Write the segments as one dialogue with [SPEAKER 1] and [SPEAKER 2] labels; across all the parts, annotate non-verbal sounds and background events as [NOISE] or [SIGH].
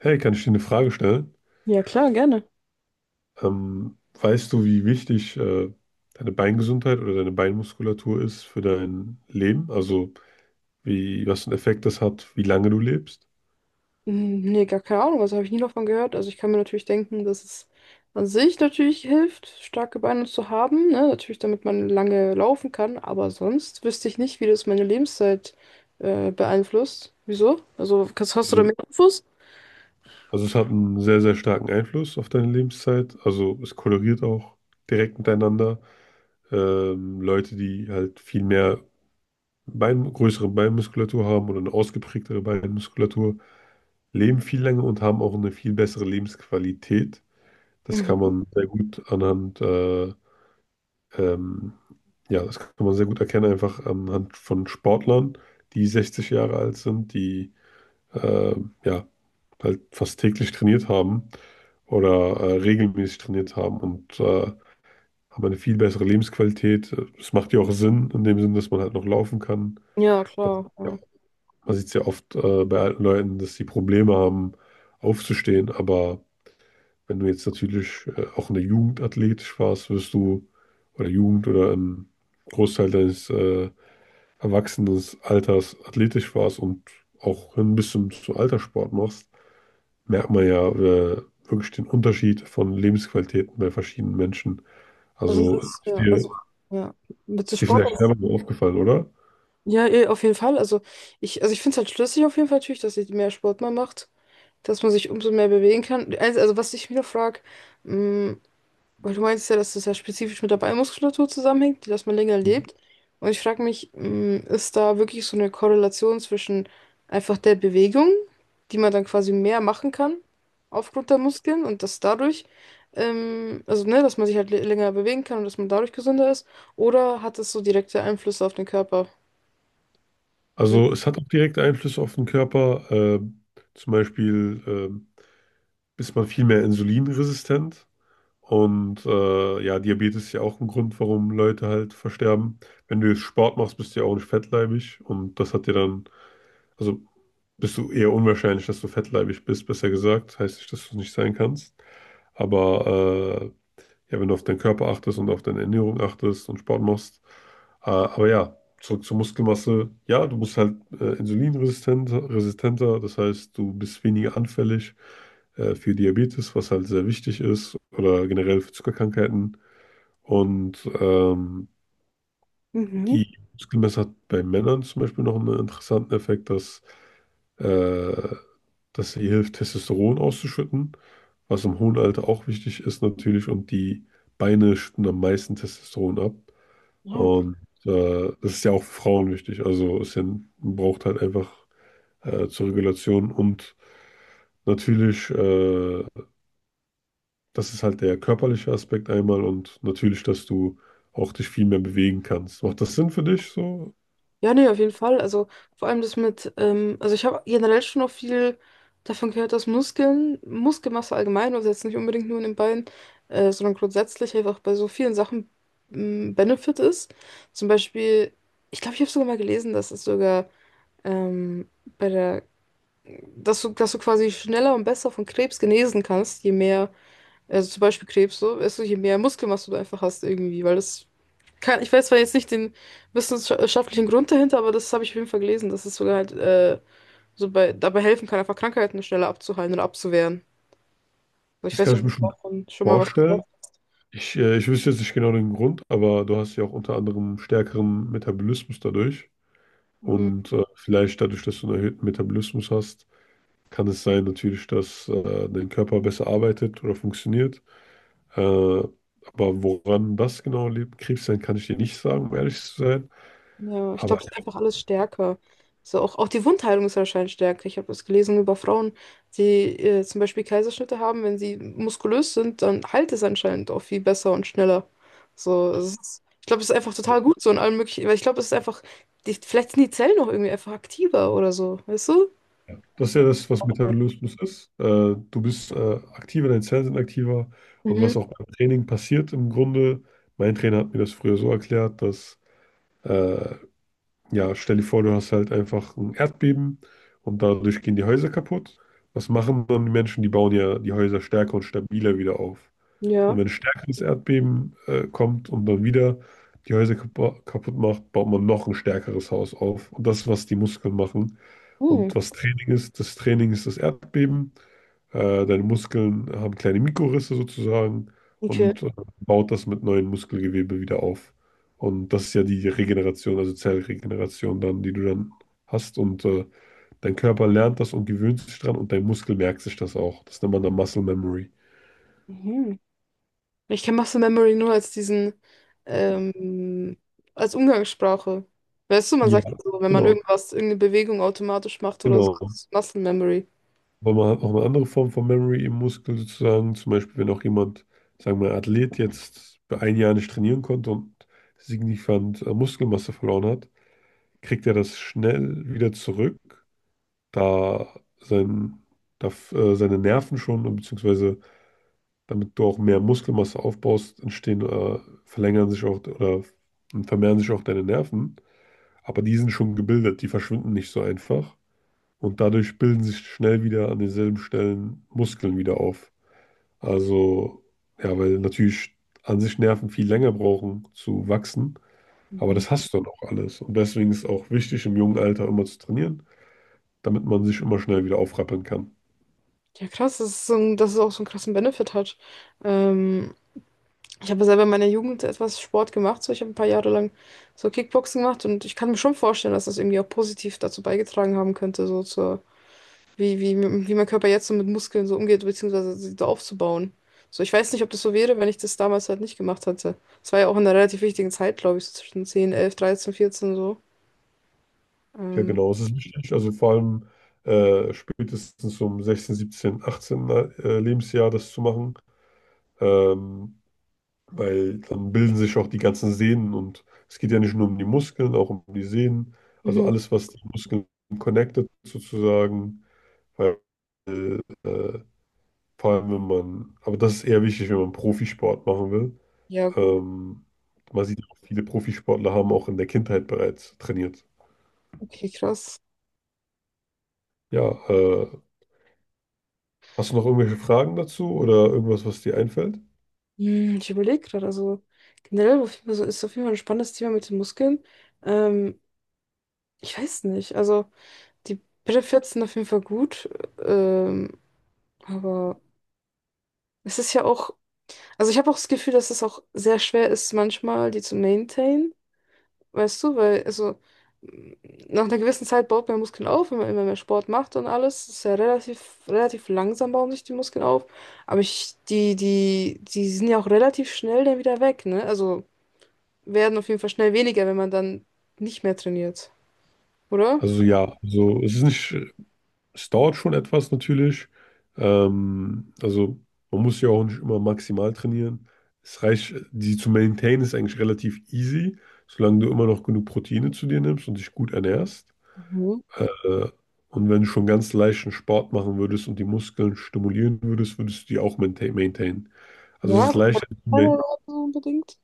[SPEAKER 1] Hey, kann ich dir eine Frage stellen?
[SPEAKER 2] Ja, klar, gerne.
[SPEAKER 1] Weißt du, wie wichtig deine Beingesundheit oder deine Beinmuskulatur ist für dein Leben? Also, wie, was für einen Effekt das hat, wie lange du lebst?
[SPEAKER 2] Hm, nee, gar keine Ahnung, also habe ich nie davon gehört. Also ich kann mir natürlich denken, dass es an sich natürlich hilft, starke Beine zu haben, ne? Natürlich, damit man lange laufen kann, aber sonst wüsste ich nicht, wie das meine Lebenszeit beeinflusst. Wieso? Also hast du da
[SPEAKER 1] Also,
[SPEAKER 2] mehr Infos?
[SPEAKER 1] also, es hat einen sehr, sehr starken Einfluss auf deine Lebenszeit. Also, es korreliert auch direkt miteinander. Leute, die halt viel mehr Bein, größere Beinmuskulatur haben oder eine ausgeprägtere Beinmuskulatur, leben viel länger und haben auch eine viel bessere Lebensqualität. Das kann
[SPEAKER 2] Mhm.
[SPEAKER 1] man sehr gut anhand, ähm, ja, das kann man sehr gut erkennen, einfach anhand von Sportlern, die 60 Jahre alt sind, die äh, ja, halt fast täglich trainiert haben oder regelmäßig trainiert haben und haben eine viel bessere Lebensqualität. Es macht ja auch Sinn, in dem Sinn, dass man halt noch laufen kann.
[SPEAKER 2] Ja,
[SPEAKER 1] Man,
[SPEAKER 2] klar,
[SPEAKER 1] ja,
[SPEAKER 2] ja.
[SPEAKER 1] man sieht es ja oft bei alten Leuten, dass sie Probleme haben, aufzustehen. Aber wenn du jetzt natürlich auch in der Jugend athletisch warst, wirst du, oder Jugend oder im Großteil deines Erwachsenenalters athletisch warst und auch hin bis zum, zum Alterssport machst, merkt man ja wirklich den Unterschied von Lebensqualitäten bei verschiedenen Menschen.
[SPEAKER 2] Also das
[SPEAKER 1] Also
[SPEAKER 2] ist,
[SPEAKER 1] ich
[SPEAKER 2] ja, also,
[SPEAKER 1] dir,
[SPEAKER 2] ja, mit so
[SPEAKER 1] ist dir
[SPEAKER 2] Sport.
[SPEAKER 1] vielleicht selber mal aufgefallen, oder?
[SPEAKER 2] Ja, auf jeden Fall. Also ich finde es halt schlüssig auf jeden Fall natürlich, dass ich mehr Sport mal macht, dass man sich umso mehr bewegen kann. Also was ich mir noch frage, weil du meinst ja, dass das ja spezifisch mit der Beinmuskulatur zusammenhängt, dass man länger lebt. Und ich frage mich, mh, ist da wirklich so eine Korrelation zwischen einfach der Bewegung, die man dann quasi mehr machen kann aufgrund der Muskeln und dass dadurch, also ne, dass man sich halt länger bewegen kann und dass man dadurch gesünder ist, oder hat es so direkte Einflüsse auf den Körper? Wenn,
[SPEAKER 1] Also es hat auch direkte Einflüsse auf den Körper. Zum Beispiel ist man viel mehr insulinresistent. Und ja, Diabetes ist ja auch ein Grund, warum Leute halt versterben. Wenn du jetzt Sport machst, bist du ja auch nicht fettleibig. Und das hat dir dann, also bist du eher unwahrscheinlich, dass du fettleibig bist, besser gesagt. Heißt nicht, dass du es nicht sein kannst. Aber ja, wenn du auf deinen Körper achtest und auf deine Ernährung achtest und Sport machst. Aber ja, zurück zur Muskelmasse. Ja, du bist halt insulinresistenter, resistenter, das heißt, du bist weniger anfällig für Diabetes, was halt sehr wichtig ist, oder generell für Zuckerkrankheiten. Und
[SPEAKER 2] Mhm.
[SPEAKER 1] die Muskelmasse hat bei Männern zum Beispiel noch einen interessanten Effekt, dass, äh, dass sie hilft, Testosteron auszuschütten, was im hohen Alter auch wichtig ist natürlich. Und die Beine schütten am meisten Testosteron ab.
[SPEAKER 2] Ja.
[SPEAKER 1] Und das ist ja auch für Frauen wichtig. Also man braucht halt einfach zur Regulation. Und natürlich, das ist halt der körperliche Aspekt einmal und natürlich, dass du auch dich viel mehr bewegen kannst. Macht das Sinn für dich so?
[SPEAKER 2] Ja, nee, auf jeden Fall. Also vor allem das mit, also ich habe generell schon auch viel davon gehört, dass Muskeln, Muskelmasse allgemein, also jetzt nicht unbedingt nur in den Beinen, sondern grundsätzlich einfach bei so vielen Sachen ein Benefit ist. Zum Beispiel, ich glaube, ich habe sogar mal gelesen, dass es sogar ähm, bei der, dass du quasi schneller und besser von Krebs genesen kannst, je mehr, also zum Beispiel Krebs so, also je mehr Muskelmasse du einfach hast irgendwie, weil das kein, ich weiß zwar jetzt nicht den wissenschaftlichen Grund dahinter, aber das habe ich auf jeden Fall gelesen, dass es sogar halt dabei helfen kann, einfach Krankheiten schneller abzuheilen oder abzuwehren. Also ich
[SPEAKER 1] Das
[SPEAKER 2] weiß
[SPEAKER 1] kann ich
[SPEAKER 2] nicht, ob
[SPEAKER 1] mir
[SPEAKER 2] du
[SPEAKER 1] schon
[SPEAKER 2] davon schon mal was gehört
[SPEAKER 1] vorstellen.
[SPEAKER 2] hast.
[SPEAKER 1] Ich wüsste jetzt nicht genau den Grund, aber du hast ja auch unter anderem stärkeren Metabolismus dadurch.
[SPEAKER 2] Mhm.
[SPEAKER 1] Und vielleicht dadurch, dass du einen erhöhten Metabolismus hast, kann es sein natürlich, dass dein Körper besser arbeitet oder funktioniert. Aber woran das genau liegt, Krebs sein, kann ich dir nicht sagen, um ehrlich zu sein.
[SPEAKER 2] Ja, ich
[SPEAKER 1] Aber
[SPEAKER 2] glaube, es ist einfach alles stärker. So, auch die Wundheilung ist anscheinend stärker. Ich habe das gelesen über Frauen, die zum Beispiel Kaiserschnitte haben, wenn sie muskulös sind, dann heilt es anscheinend auch viel besser und schneller. So, ich glaube, es ist einfach total gut so in allen möglichen, weil ich glaube, es ist einfach, die, vielleicht sind die Zellen noch irgendwie einfach aktiver oder so, weißt du?
[SPEAKER 1] Ja. Das ist ja das, was Metabolismus ist. Du bist aktiver, deine Zellen sind aktiver. Und was
[SPEAKER 2] Mhm.
[SPEAKER 1] auch beim Training passiert im Grunde, mein Trainer hat mir das früher so erklärt, dass, äh, ja, stell dir vor, du hast halt einfach ein Erdbeben und dadurch gehen die Häuser kaputt. Was machen dann die Menschen? Die bauen ja die Häuser stärker und stabiler wieder auf. Und
[SPEAKER 2] Ja.
[SPEAKER 1] wenn ein stärkeres Erdbeben kommt und dann wieder die Häuser kaputt macht, baut man noch ein stärkeres Haus auf. Und das ist, was die Muskeln machen.
[SPEAKER 2] Hm.
[SPEAKER 1] Und was Training ist das Erdbeben. Deine Muskeln haben kleine Mikrorisse sozusagen
[SPEAKER 2] Okay.
[SPEAKER 1] und baut das mit neuem Muskelgewebe wieder auf. Und das ist ja die Regeneration, also Zellregeneration dann, die du dann hast. Und dein Körper lernt das und gewöhnt sich dran und dein Muskel merkt sich das auch. Das nennt man dann Muscle Memory.
[SPEAKER 2] Mhm. Ich kenne Muscle Memory nur als diesen, ähm, als Umgangssprache. Weißt du, man
[SPEAKER 1] Ja,
[SPEAKER 2] sagt ja so, wenn man
[SPEAKER 1] genau.
[SPEAKER 2] irgendeine Bewegung automatisch macht oder so,
[SPEAKER 1] Genau.
[SPEAKER 2] das ist Muscle Memory.
[SPEAKER 1] Aber man hat auch eine andere Form von Memory im Muskel sozusagen. Zum Beispiel, wenn auch jemand, sagen wir, Athlet jetzt für ein Jahr nicht trainieren konnte und signifikant Muskelmasse verloren hat, kriegt er das schnell wieder zurück, da sein, da, seine Nerven schon, und beziehungsweise damit du auch mehr Muskelmasse aufbaust, entstehen, verlängern sich auch oder vermehren sich auch deine Nerven. Aber die sind schon gebildet, die verschwinden nicht so einfach. Und dadurch bilden sich schnell wieder an denselben Stellen Muskeln wieder auf. Also, ja, weil natürlich an sich Nerven viel länger brauchen zu wachsen, aber
[SPEAKER 2] Mhm.
[SPEAKER 1] das hast du dann auch alles. Und deswegen ist es auch wichtig, im jungen Alter immer zu trainieren, damit man sich immer schnell wieder aufrappeln kann.
[SPEAKER 2] Ja, krass, dass es auch so einen krassen Benefit hat. Ähm, ich habe selber in meiner Jugend etwas Sport gemacht, so ich habe ein paar Jahre lang so Kickboxen gemacht und ich kann mir schon vorstellen, dass das irgendwie auch positiv dazu beigetragen haben könnte, so wie, wie, wie mein Körper jetzt so mit Muskeln so umgeht, beziehungsweise sie so aufzubauen. So, ich weiß nicht, ob das so wäre, wenn ich das damals halt nicht gemacht hätte. Es war ja auch in einer relativ wichtigen Zeit, glaube ich, so zwischen 10 11 13 14 so.
[SPEAKER 1] Ja,
[SPEAKER 2] Ähm,
[SPEAKER 1] genau, es ist wichtig. Also vor allem spätestens um 16, 17, 18 Lebensjahr das zu machen. Ähm, weil dann bilden sich auch die ganzen Sehnen und es geht ja nicht nur um die Muskeln, auch um die Sehnen, also
[SPEAKER 2] mhm.
[SPEAKER 1] alles, was die Muskeln connected sozusagen, weil äh, äh, vor allem wenn man, aber das ist eher wichtig, wenn man Profisport machen will.
[SPEAKER 2] Ja, gut.
[SPEAKER 1] Ähm, man sieht auch, viele Profisportler haben auch in der Kindheit bereits trainiert.
[SPEAKER 2] Okay, krass.
[SPEAKER 1] Ja, äh, hast du noch irgendwelche Fragen dazu oder irgendwas, was dir einfällt?
[SPEAKER 2] Hm, ich überlege gerade, also generell auf jeden Fall ist auf jeden Fall ein spannendes Thema mit den Muskeln. Ähm, ich weiß nicht, also die Brille sind auf jeden Fall gut, ähm, aber es ist ja auch, also ich habe auch das Gefühl, dass es auch sehr schwer ist, manchmal die zu maintainen. Weißt du, m, nach einer gewissen Zeit baut man Muskeln auf, wenn man immer mehr Sport macht und alles. Ist ja relativ langsam bauen sich die Muskeln auf. Aber die sind ja auch relativ schnell dann wieder weg, ne? Also werden auf jeden Fall schnell weniger, wenn man dann nicht mehr trainiert, oder?
[SPEAKER 1] Also ja, also es ist nicht. Es dauert schon etwas natürlich. Also man muss ja auch nicht immer maximal trainieren. Es reicht, die zu maintainen ist eigentlich relativ easy, solange du immer noch genug Proteine zu dir nimmst und dich gut ernährst.
[SPEAKER 2] Mhm.
[SPEAKER 1] Äh, und wenn du schon ganz leichten Sport machen würdest und die Muskeln stimulieren würdest, würdest du die auch maintainen. Also es
[SPEAKER 2] Ja,
[SPEAKER 1] ist leichter zu
[SPEAKER 2] keine
[SPEAKER 1] maintainen.
[SPEAKER 2] Ahnung, so unbedingt.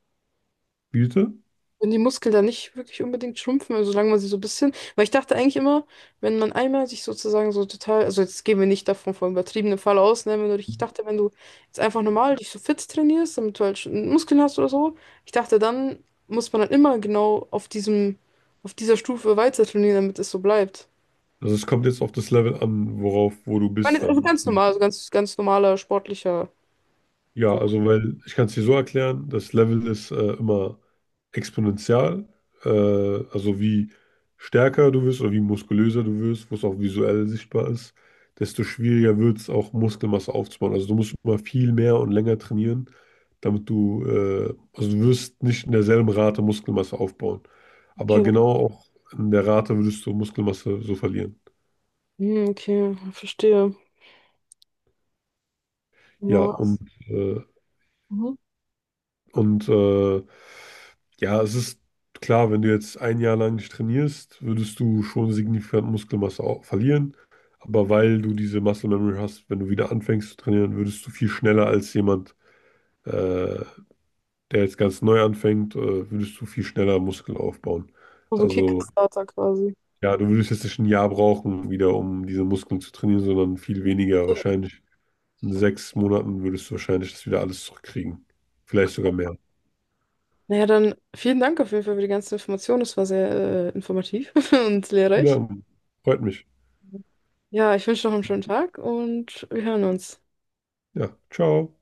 [SPEAKER 1] Bitte?
[SPEAKER 2] Wenn die Muskeln da nicht wirklich unbedingt schrumpfen, also solange man sie so ein bisschen, weil ich dachte eigentlich immer, wenn man einmal sich sozusagen so total, also jetzt gehen wir nicht davon von übertriebenem Fall aus, ne, wenn du, dich- ich dachte, wenn du jetzt einfach normal dich so fit trainierst, damit du halt schon Muskeln hast oder so, ich dachte, dann muss man halt immer genau auf diesem, auf dieser Stufe weiter trainieren, damit es so bleibt.
[SPEAKER 1] Also es kommt jetzt auf das Level an, worauf, wo du
[SPEAKER 2] Ich meine,
[SPEAKER 1] bist
[SPEAKER 2] jetzt also
[SPEAKER 1] dann.
[SPEAKER 2] ganz normal, also ganz normaler, sportlicher,
[SPEAKER 1] Ja,
[SPEAKER 2] so.
[SPEAKER 1] also weil ich kann es dir so erklären, das Level ist immer exponentiell, äh, also wie stärker du wirst oder wie muskulöser du wirst, was auch visuell sichtbar ist, desto schwieriger wird es auch Muskelmasse aufzubauen. Also du musst immer viel mehr und länger trainieren, damit du, also du wirst nicht in derselben Rate Muskelmasse aufbauen, aber
[SPEAKER 2] Okay,
[SPEAKER 1] genau auch in der Rate würdest du Muskelmasse so verlieren.
[SPEAKER 2] hm, okay, verstehe.
[SPEAKER 1] Ja,
[SPEAKER 2] Ja.
[SPEAKER 1] äh,
[SPEAKER 2] Mhm.
[SPEAKER 1] Und ja, es ist klar, wenn du jetzt ein Jahr lang nicht trainierst, würdest du schon signifikant Muskelmasse verlieren. Aber weil du diese Muscle Memory hast, wenn du wieder anfängst zu trainieren, würdest du viel schneller als jemand, äh, der jetzt ganz neu anfängt, würdest du viel schneller Muskeln aufbauen.
[SPEAKER 2] So ein
[SPEAKER 1] Also
[SPEAKER 2] Kickstarter quasi.
[SPEAKER 1] ja, du würdest jetzt nicht ein Jahr brauchen, wieder um diese Muskeln zu trainieren, sondern viel weniger. Wahrscheinlich in 6 Monaten würdest du wahrscheinlich das wieder alles zurückkriegen. Vielleicht sogar mehr.
[SPEAKER 2] Naja, dann vielen Dank auf jeden Fall für die ganzen Informationen. Das war sehr informativ [LAUGHS] und lehrreich.
[SPEAKER 1] Ja, freut mich.
[SPEAKER 2] Ja, ich wünsche noch einen schönen Tag und wir hören uns.
[SPEAKER 1] Ja, ciao.